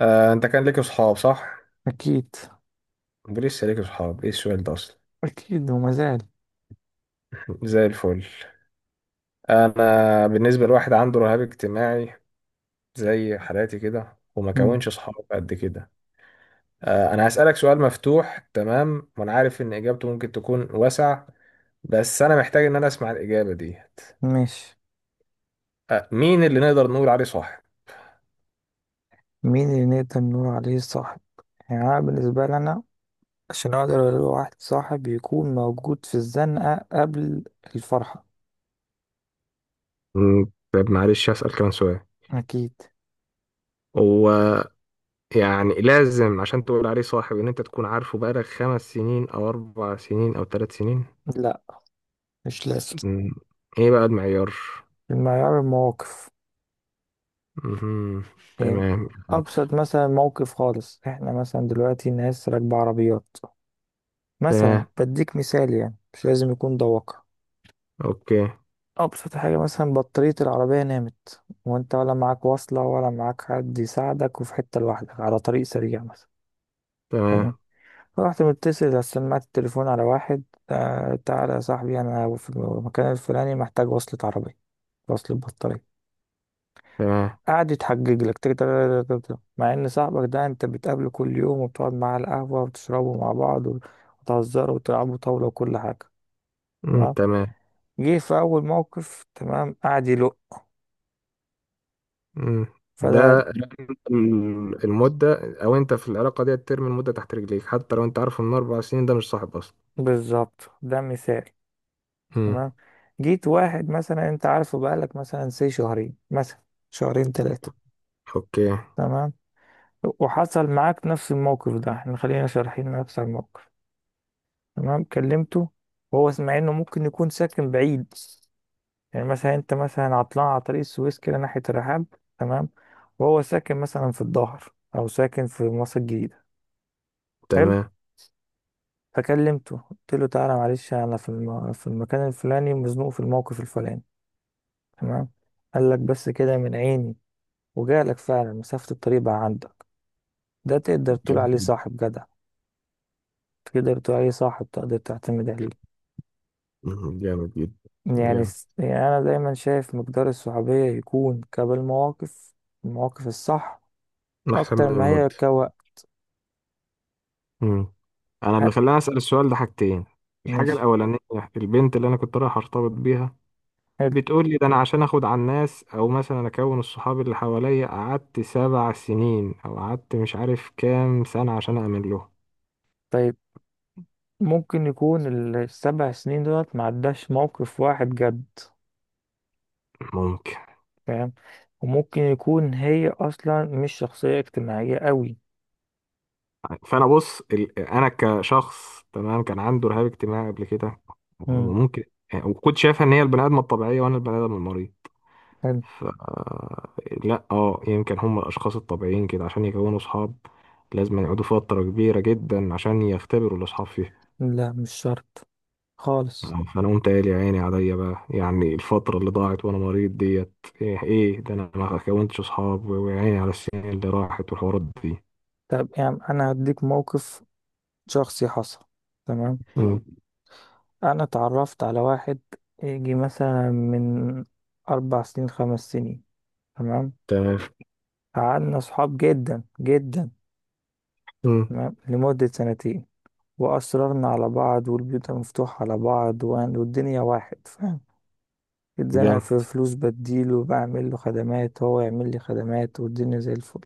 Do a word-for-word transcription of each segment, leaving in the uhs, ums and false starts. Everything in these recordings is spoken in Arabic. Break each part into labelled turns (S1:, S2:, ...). S1: آه، انت كان ليك اصحاب صح؟
S2: أكيد،
S1: لسه ليك اصحاب؟ ايه السؤال ده اصلا؟
S2: أكيد وما زال.
S1: زي الفل. انا بالنسبه لواحد عنده رهاب اجتماعي زي حالاتي كده، وما
S2: مم.
S1: كونش اصحاب قد كده. آه، انا هسالك سؤال مفتوح، تمام، وانا عارف ان اجابته ممكن تكون واسع، بس انا محتاج ان انا اسمع الاجابه دي.
S2: ماشي.
S1: آه، مين اللي نقدر نقول عليه صاحب؟
S2: مين اللي نقدر نقول عليه صاحب؟ يعني أنا بالنسبة لي أنا عشان أقدر أقول واحد صاحب يكون موجود في الزنقة قبل الفرحة.
S1: مم. طب معلش هسأل كمان سؤال.
S2: أكيد.
S1: هو يعني لازم عشان تقول عليه صاحب ان انت تكون عارفه بقالك خمس سنين او اربع سنين او ثلاث سنين؟
S2: لا، مش لازم.
S1: مم. ايه بقى المعيار؟
S2: المعيار المواقف.
S1: مهم.
S2: يعني
S1: تمام.
S2: أبسط مثلا موقف خالص، إحنا مثلا دلوقتي ناس راكبة عربيات، مثلا
S1: تمام.
S2: بديك مثال يعني مش لازم يكون ده واقع.
S1: اوكي.
S2: أبسط حاجة مثلا بطارية العربية نامت وأنت ولا معاك وصلة ولا معاك حد يساعدك وفي حتة لوحدك على طريق سريع مثلا. تمام.
S1: تمام.
S2: رحت متصل سمعت التليفون على واحد. آه، تعالى يا صاحبي، أنا في المكان الفلاني محتاج وصلة عربية، وصلة بطارية.
S1: تمام.
S2: قعد يتحجج لك تك- تك- تك- تك- تك. مع إن صاحبك ده أنت بتقابله كل يوم وبتقعد معاه على القهوة وبتشربوا مع بعض وتهزروا وتلعبوا طاولة وكل حاجة.
S1: مم.
S2: تمام.
S1: تمام.
S2: جه في أول موقف تمام قعد يلق.
S1: مم.
S2: فده
S1: ده ال- المدة، او انت في العلاقة دي ترمي المدة تحت رجليك حتى لو انت عارف ان اربع سنين ده مش صاحب اصلا.
S2: بالظبط ده مثال.
S1: مم.
S2: تمام. جيت واحد مثلا انت عارفه بقالك مثلا سي شهرين مثلا، شهرين ثلاثة.
S1: اوكي.
S2: تمام. وحصل معاك نفس الموقف ده، احنا خلينا شارحين نفس الموقف. تمام كلمته وهو سمع انه ممكن يكون ساكن بعيد. يعني مثلا انت مثلا عطلان على طريق السويس كده ناحية الرحاب. تمام. وهو ساكن مثلا في الظهر او ساكن في مصر الجديدة. حلو.
S1: تمام.
S2: فكلمته قلت له تعالى معلش، انا في الم... في المكان الفلاني مزنوق في الموقف الفلاني. تمام. قال لك بس كده من عيني. وجالك فعلا مسافة الطريق بقى عندك. ده تقدر تقول
S1: جامد
S2: عليه
S1: جدا.
S2: صاحب جدع. تقدر تقول عليه صاحب، تقدر تعتمد عليه.
S1: مم. جامد جدا.
S2: يعني,
S1: جامد.
S2: س- يعني أنا دايما شايف مقدار الصحوبية يكون قبل مواقف، المواقف الصح،
S1: احسن
S2: أكتر
S1: من
S2: ما هي
S1: المدة.
S2: كوقت.
S1: مم. انا
S2: ها.
S1: اللي خلاني اسأل السؤال ده حاجتين. الحاجة
S2: ماشي.
S1: الاولانية، البنت اللي انا كنت رايح ارتبط بيها
S2: حلو.
S1: بتقول لي، ده انا عشان اخد على الناس، او مثلا اكون الصحاب اللي حواليا قعدت سبع سنين او قعدت مش عارف كام سنة عشان اعمل له.
S2: طيب. ممكن يكون ال- السبع سنين دولت معداش موقف واحد جد.
S1: ممكن.
S2: فاهم. وممكن يكون هي أصلا مش شخصية اجتماعية قوي.
S1: فانا بص، ال- انا كشخص تمام كان عنده رهاب اجتماعي قبل كده.
S2: مم.
S1: ممكن. وكنت شايفها ان هي البني ادم الطبيعية وانا البني ادم المريض.
S2: حلو.
S1: ف لا، اه يمكن هم الاشخاص الطبيعيين كده عشان يكونوا صحاب لازم يقعدوا فترة كبيرة جدا عشان يختبروا الاصحاب.
S2: لا، مش شرط خالص.
S1: آه، فانا قمت قايل يا عيني عليا بقى، يعني الفتره اللي ضاعت وانا مريض ديت. ايه ايه ده، انا ما كونتش اصحاب، و- ويا عيني على السنين اللي راحت والحوارات دي.
S2: طب يعني انا هديك موقف شخصي حصل. تمام.
S1: مم.
S2: انا اتعرفت على واحد يجي مثلا من اربع سنين، خمس سنين. تمام.
S1: تمام.
S2: قعدنا صحاب جدا جدا.
S1: مم.
S2: تمام لمدة سنتين. واصررنا على بعض والبيوت مفتوحة على بعض وهن- والدنيا واحد فاهم. اتزنق
S1: جامد.
S2: في فلوس بديله، وبعمل له خدمات، هو يعمل لي خدمات، والدنيا زي الفل.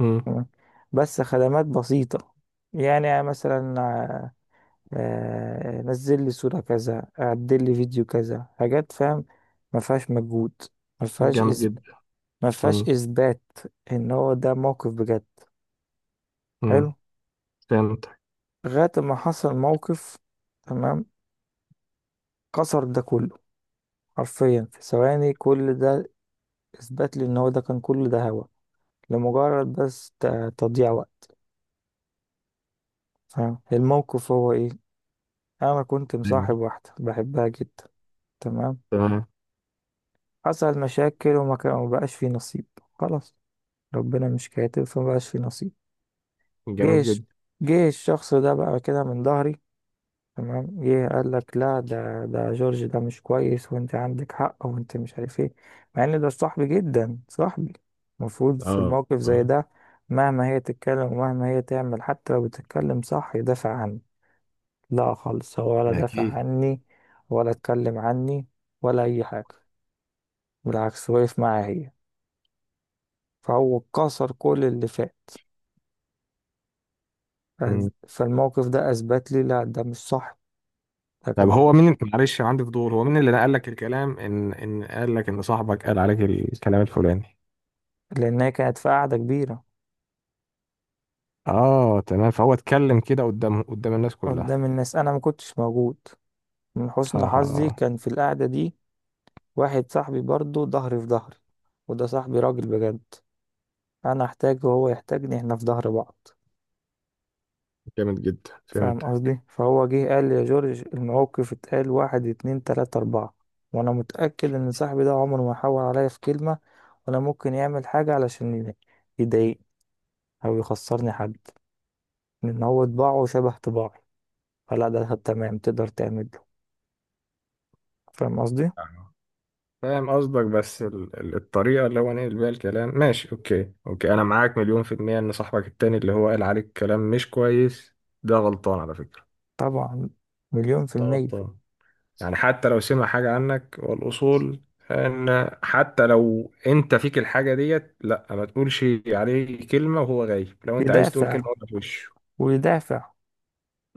S1: مم.
S2: تمام. بس خدمات بسيطة. يعني مثلا آه، نزل لي صورة كذا، عدل لي فيديو كذا، حاجات فاهم ما فيهاش مجهود، ما فيهاش
S1: جامد
S2: إز...
S1: جدا.
S2: ما فيهاش
S1: مم.
S2: إثبات إن هو ده موقف بجد. حلو.
S1: مم. فهمتك.
S2: لغاية ما حصل موقف. تمام. كسر ده كله حرفيا في ثواني. كل ده إثبات لي إن هو ده كان كل ده هوا لمجرد بس ت- تضييع وقت. فاهم الموقف هو إيه؟ أنا كنت
S1: أيوة.
S2: مصاحب واحدة بحبها جدا. تمام.
S1: تمام.
S2: حصل مشاكل وما كان ما بقاش في نصيب. خلاص. ربنا مش كاتب فمبقاش في نصيب.
S1: جامد
S2: جيش.
S1: جدا.
S2: جه الشخص ده بقى كده من ظهري. تمام جه قال لك لا، ده ده جورج ده مش كويس، وانت عندك حق، وانت مش عارف ايه. مع ان ده صاحبي جدا صاحبي. المفروض في
S1: اه.
S2: الموقف
S1: آه.
S2: زي ده مهما هي تتكلم ومهما هي تعمل، حتى لو بتتكلم صح، يدافع عني. لا خالص، هو ولا دافع
S1: اكيد.
S2: عني، ولا اتكلم عني، ولا اي حاجة. بالعكس وقف معايا هي. فهو كسر كل اللي فات. فز-
S1: مم.
S2: فالموقف ده اثبت لي لا، ده مش صح. ده
S1: طب
S2: كان.
S1: هو مين، معلش عندي فضول، هو مين اللي نقل لك الكلام، ان ان قال لك ان صاحبك قال عليك الكلام الفلاني؟
S2: لان هي كانت في قعده كبيره
S1: اه، تمام. فهو اتكلم كده قدام قدام الناس كلها؟
S2: قدام الناس، انا ما كنتش موجود. من حسن حظي
S1: اه.
S2: كان في القعده دي واحد صاحبي برضه ظهري في ظهري. وده صاحبي راجل بجد. انا احتاجه وهو يحتاجني، احنا في ظهر بعض.
S1: جامد جدا.
S2: فاهم
S1: فهمتك.
S2: قصدي؟ فهو جه قال لي يا جورج الموقف اتقال واحد اتنين تلاتة اربعة. وانا متأكد ان صاحبي ده عمره ما حاول عليا في كلمة، ولا ممكن يعمل حاجة علشان يضايقني او يخسرني حد. لأن هو طباعه شبه طباعي. فلا، ده تمام تقدر تعمل له. فاهم قصدي؟
S1: آه. فاهم قصدك، بس ال- ال- الطريقة اللي هو نقل بيها الكلام، ماشي. اوكي اوكي، انا معاك مليون في المية ان صاحبك التاني اللي هو قال عليك كلام مش كويس ده غلطان على فكرة.
S2: طبعا. مليون في
S1: ده
S2: المية.
S1: غلطان. يعني حتى لو سمع حاجة عنك، والاصول ان حتى لو انت فيك الحاجة ديت، لا، ما تقولش عليه كلمة وهو غايب. لو انت عايز تقول كلمة،
S2: يدافع
S1: قولها في وشه.
S2: ويدافع.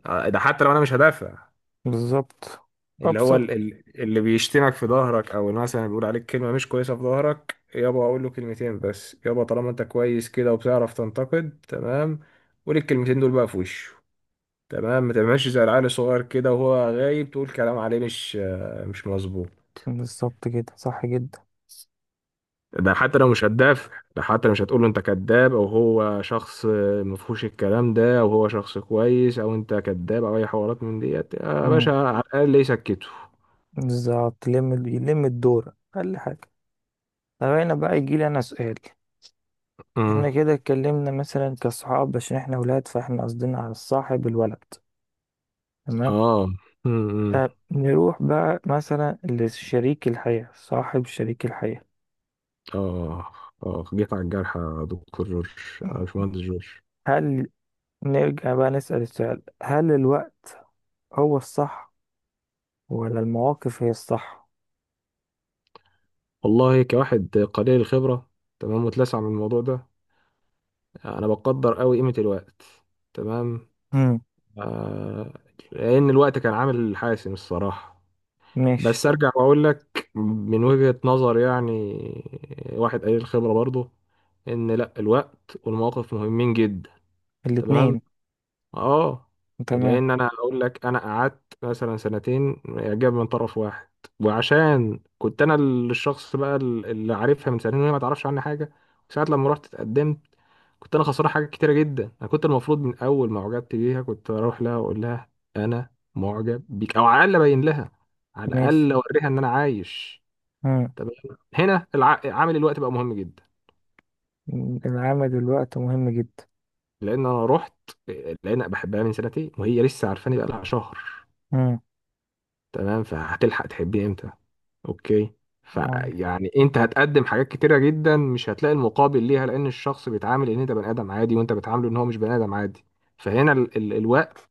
S1: آه، ده حتى لو انا مش هدافع،
S2: بالظبط.
S1: اللي هو
S2: أبسط.
S1: ال- ال- اللي بيشتمك في ظهرك، او اللي مثلا بيقول عليك كلمه مش كويسه في ظهرك، يابا اقول له كلمتين بس، يابا طالما انت كويس كده وبتعرف تنتقد، تمام، قول الكلمتين دول بقى في وشه. تمام، ما تعملش زي العيل الصغير كده وهو غايب تقول كلام عليه، مش مش مظبوط.
S2: بالظبط كده صح جدا.
S1: ده حتى لو مش هتدافع، ده حتى لو مش هتقول له انت كذاب او هو شخص مفهوش الكلام ده، او هو شخص كويس او انت كذاب او اي حوارات من ديت، يا
S2: مم.
S1: باشا على الاقل يسكته.
S2: بالظبط يلم يلم الدور أقل حاجة. طب هنا بقى يجيلي أنا سؤال.
S1: امم.
S2: احنا كده اتكلمنا مثلا كصحاب عشان احنا ولاد، فاحنا قصدنا على الصاحب الولد. تمام.
S1: اه. امم.
S2: طب نروح بقى مثلا لشريك الحياة، صاحب شريك الحياة.
S1: آه. آه، جيت على الجرح يا دكتور جورج، يا باشمهندس جورج.
S2: هل نرجع بقى نسأل السؤال، هل الوقت هو الصح ولا المواقف هي الصح؟
S1: والله كواحد قليل الخبرة، تمام، متلسع من الموضوع ده، أنا بقدر أوي قيمة الوقت. تمام.
S2: امم.
S1: آه لأن الوقت كان عامل حاسم الصراحة.
S2: ماشي.
S1: بس أرجع وأقول لك، من وجهة نظر يعني واحد قليل الخبرة برضه، إن لأ، الوقت والمواقف مهمين جدا. تمام.
S2: الاتنين.
S1: اه
S2: تمام.
S1: لان انا اقول لك، انا قعدت مثلا سنتين اعجاب من طرف واحد، وعشان كنت انا ال- الشخص بقى ال- اللي عارفها من سنتين وهي ما تعرفش عني حاجه، ساعه لما رحت اتقدمت كنت انا خسران حاجات كتيره جدا. انا كنت المفروض من اول ما اعجبت بيها كنت اروح لها واقول لها انا معجب بيك، او على الاقل ابين لها، على
S2: ماشي.
S1: الاقل اوريها ان انا عايش.
S2: امم.
S1: تمام. هنا الع... عامل الوقت بقى مهم جدا.
S2: العمل الوقت مهم جدا.
S1: لان انا رحت، لان أنا بحبها من سنتين وهي لسه عارفاني بقى لها شهر.
S2: امم.
S1: تمام. فهتلحق تحبيه امتى؟ اوكي.
S2: أيوة.
S1: فيعني انت هتقدم حاجات كتيره جدا مش هتلاقي المقابل ليها، لان الشخص بيتعامل ان انت بني ادم عادي، وانت بتعامله ان هو مش بني ادم عادي. فهنا ال ال الوقت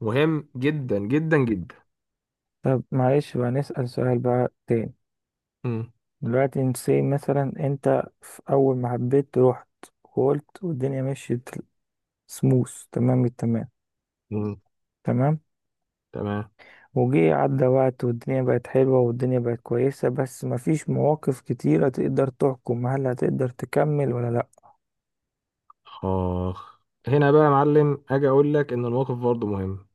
S1: مهم جدا جدا جدا.
S2: طب معلش بقى نسأل سؤال بقى تاني.
S1: مم.
S2: دلوقتي انت say مثلا انت في اول ما حبيت رحت وقلت والدنيا مشيت سموث، تمام التمام.
S1: مم.
S2: تمام.
S1: تمام.
S2: وجه عدى وقت والدنيا بقت حلوة والدنيا بقت كويسة، بس مفيش مواقف كتيرة تقدر تحكم هل هتقدر تكمل ولا لأ.
S1: اخ. هنا بقى يا معلم اجي اقول لك ان الموقف برضه مهم.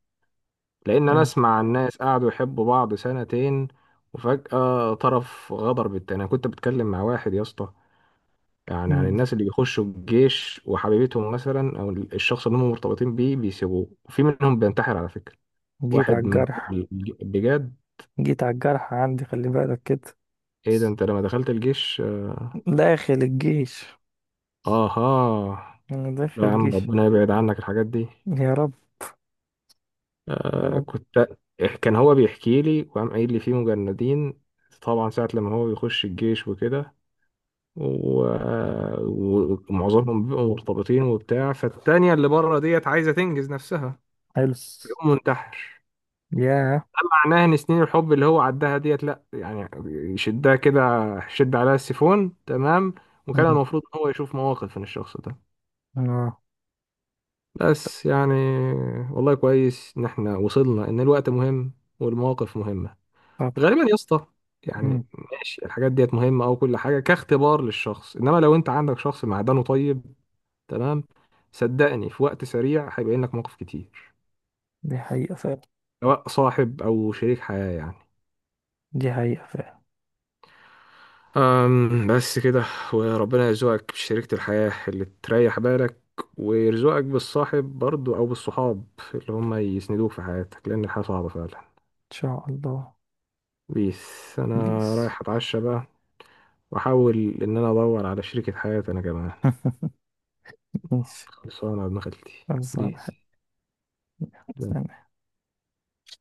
S1: لان انا
S2: فاهم؟
S1: اسمع عن ناس قعدوا يحبوا بعض سنتين وفجأة طرف غدر بالتاني. انا كنت بتكلم مع واحد يا اسطى، يعني عن
S2: مم.
S1: الناس اللي بيخشوا الجيش وحبيبتهم مثلا، او الشخص اللي هم مرتبطين بيه بيسيبوه، وفي منهم بينتحر على فكره.
S2: جيت على
S1: واحد من جوه
S2: الجرح.
S1: الج- البجاد.
S2: جيت على الجرح عندي، خلي بالك كده.
S1: ايه ده، انت لما دخلت الجيش؟
S2: داخل الجيش.
S1: اها.
S2: أنا داخل
S1: لا يا عم،
S2: الجيش.
S1: ربنا يبعد عنك الحاجات دي.
S2: يا رب، يا رب.
S1: كنت كان هو بيحكي لي، وقام قايل لي في مجندين، طبعا ساعة لما هو بيخش الجيش وكده، و- ومعظمهم بيبقوا مرتبطين وبتاع، فالتانية اللي بره ديت عايزة تنجز نفسها،
S2: حلو.
S1: بيقوم منتحر.
S2: ياه.
S1: معناها ان سنين الحب اللي هو عدها ديت، لا يعني، يشدها كده شد، عليها السيفون تمام. وكان
S2: مم.
S1: المفروض ان هو يشوف مواقف من الشخص ده.
S2: اه.
S1: بس يعني، والله كويس ان احنا وصلنا ان الوقت مهم والمواقف مهمة.
S2: طبعا.
S1: غالبا يا اسطى يعني،
S2: مم.
S1: ماشي الحاجات ديت مهمة، او كل حاجة كاختبار للشخص، انما لو انت عندك شخص معدنه طيب، تمام، صدقني في وقت سريع هيبين لك مواقف كتير،
S2: دي حقيقة فعلا.
S1: سواء صاحب او شريك حياة يعني.
S2: دي حقيقة فعلا. إن
S1: أم بس كده. وربنا يرزقك بشريكة الحياة اللي تريح بالك، ويرزقك بالصاحب برضو أو بالصحاب اللي هم يسندوك في حياتك، لأن الحياة صعبة فعلا.
S2: شاء الله.
S1: بيس، أنا
S2: بيس.
S1: رايح أتعشى بقى، وأحاول إن أنا أدور على شريكة حياتي أنا كمان.
S2: ماشي.
S1: خلصانة بمخلتي.
S2: خلصانة.
S1: بيس.
S2: سلام.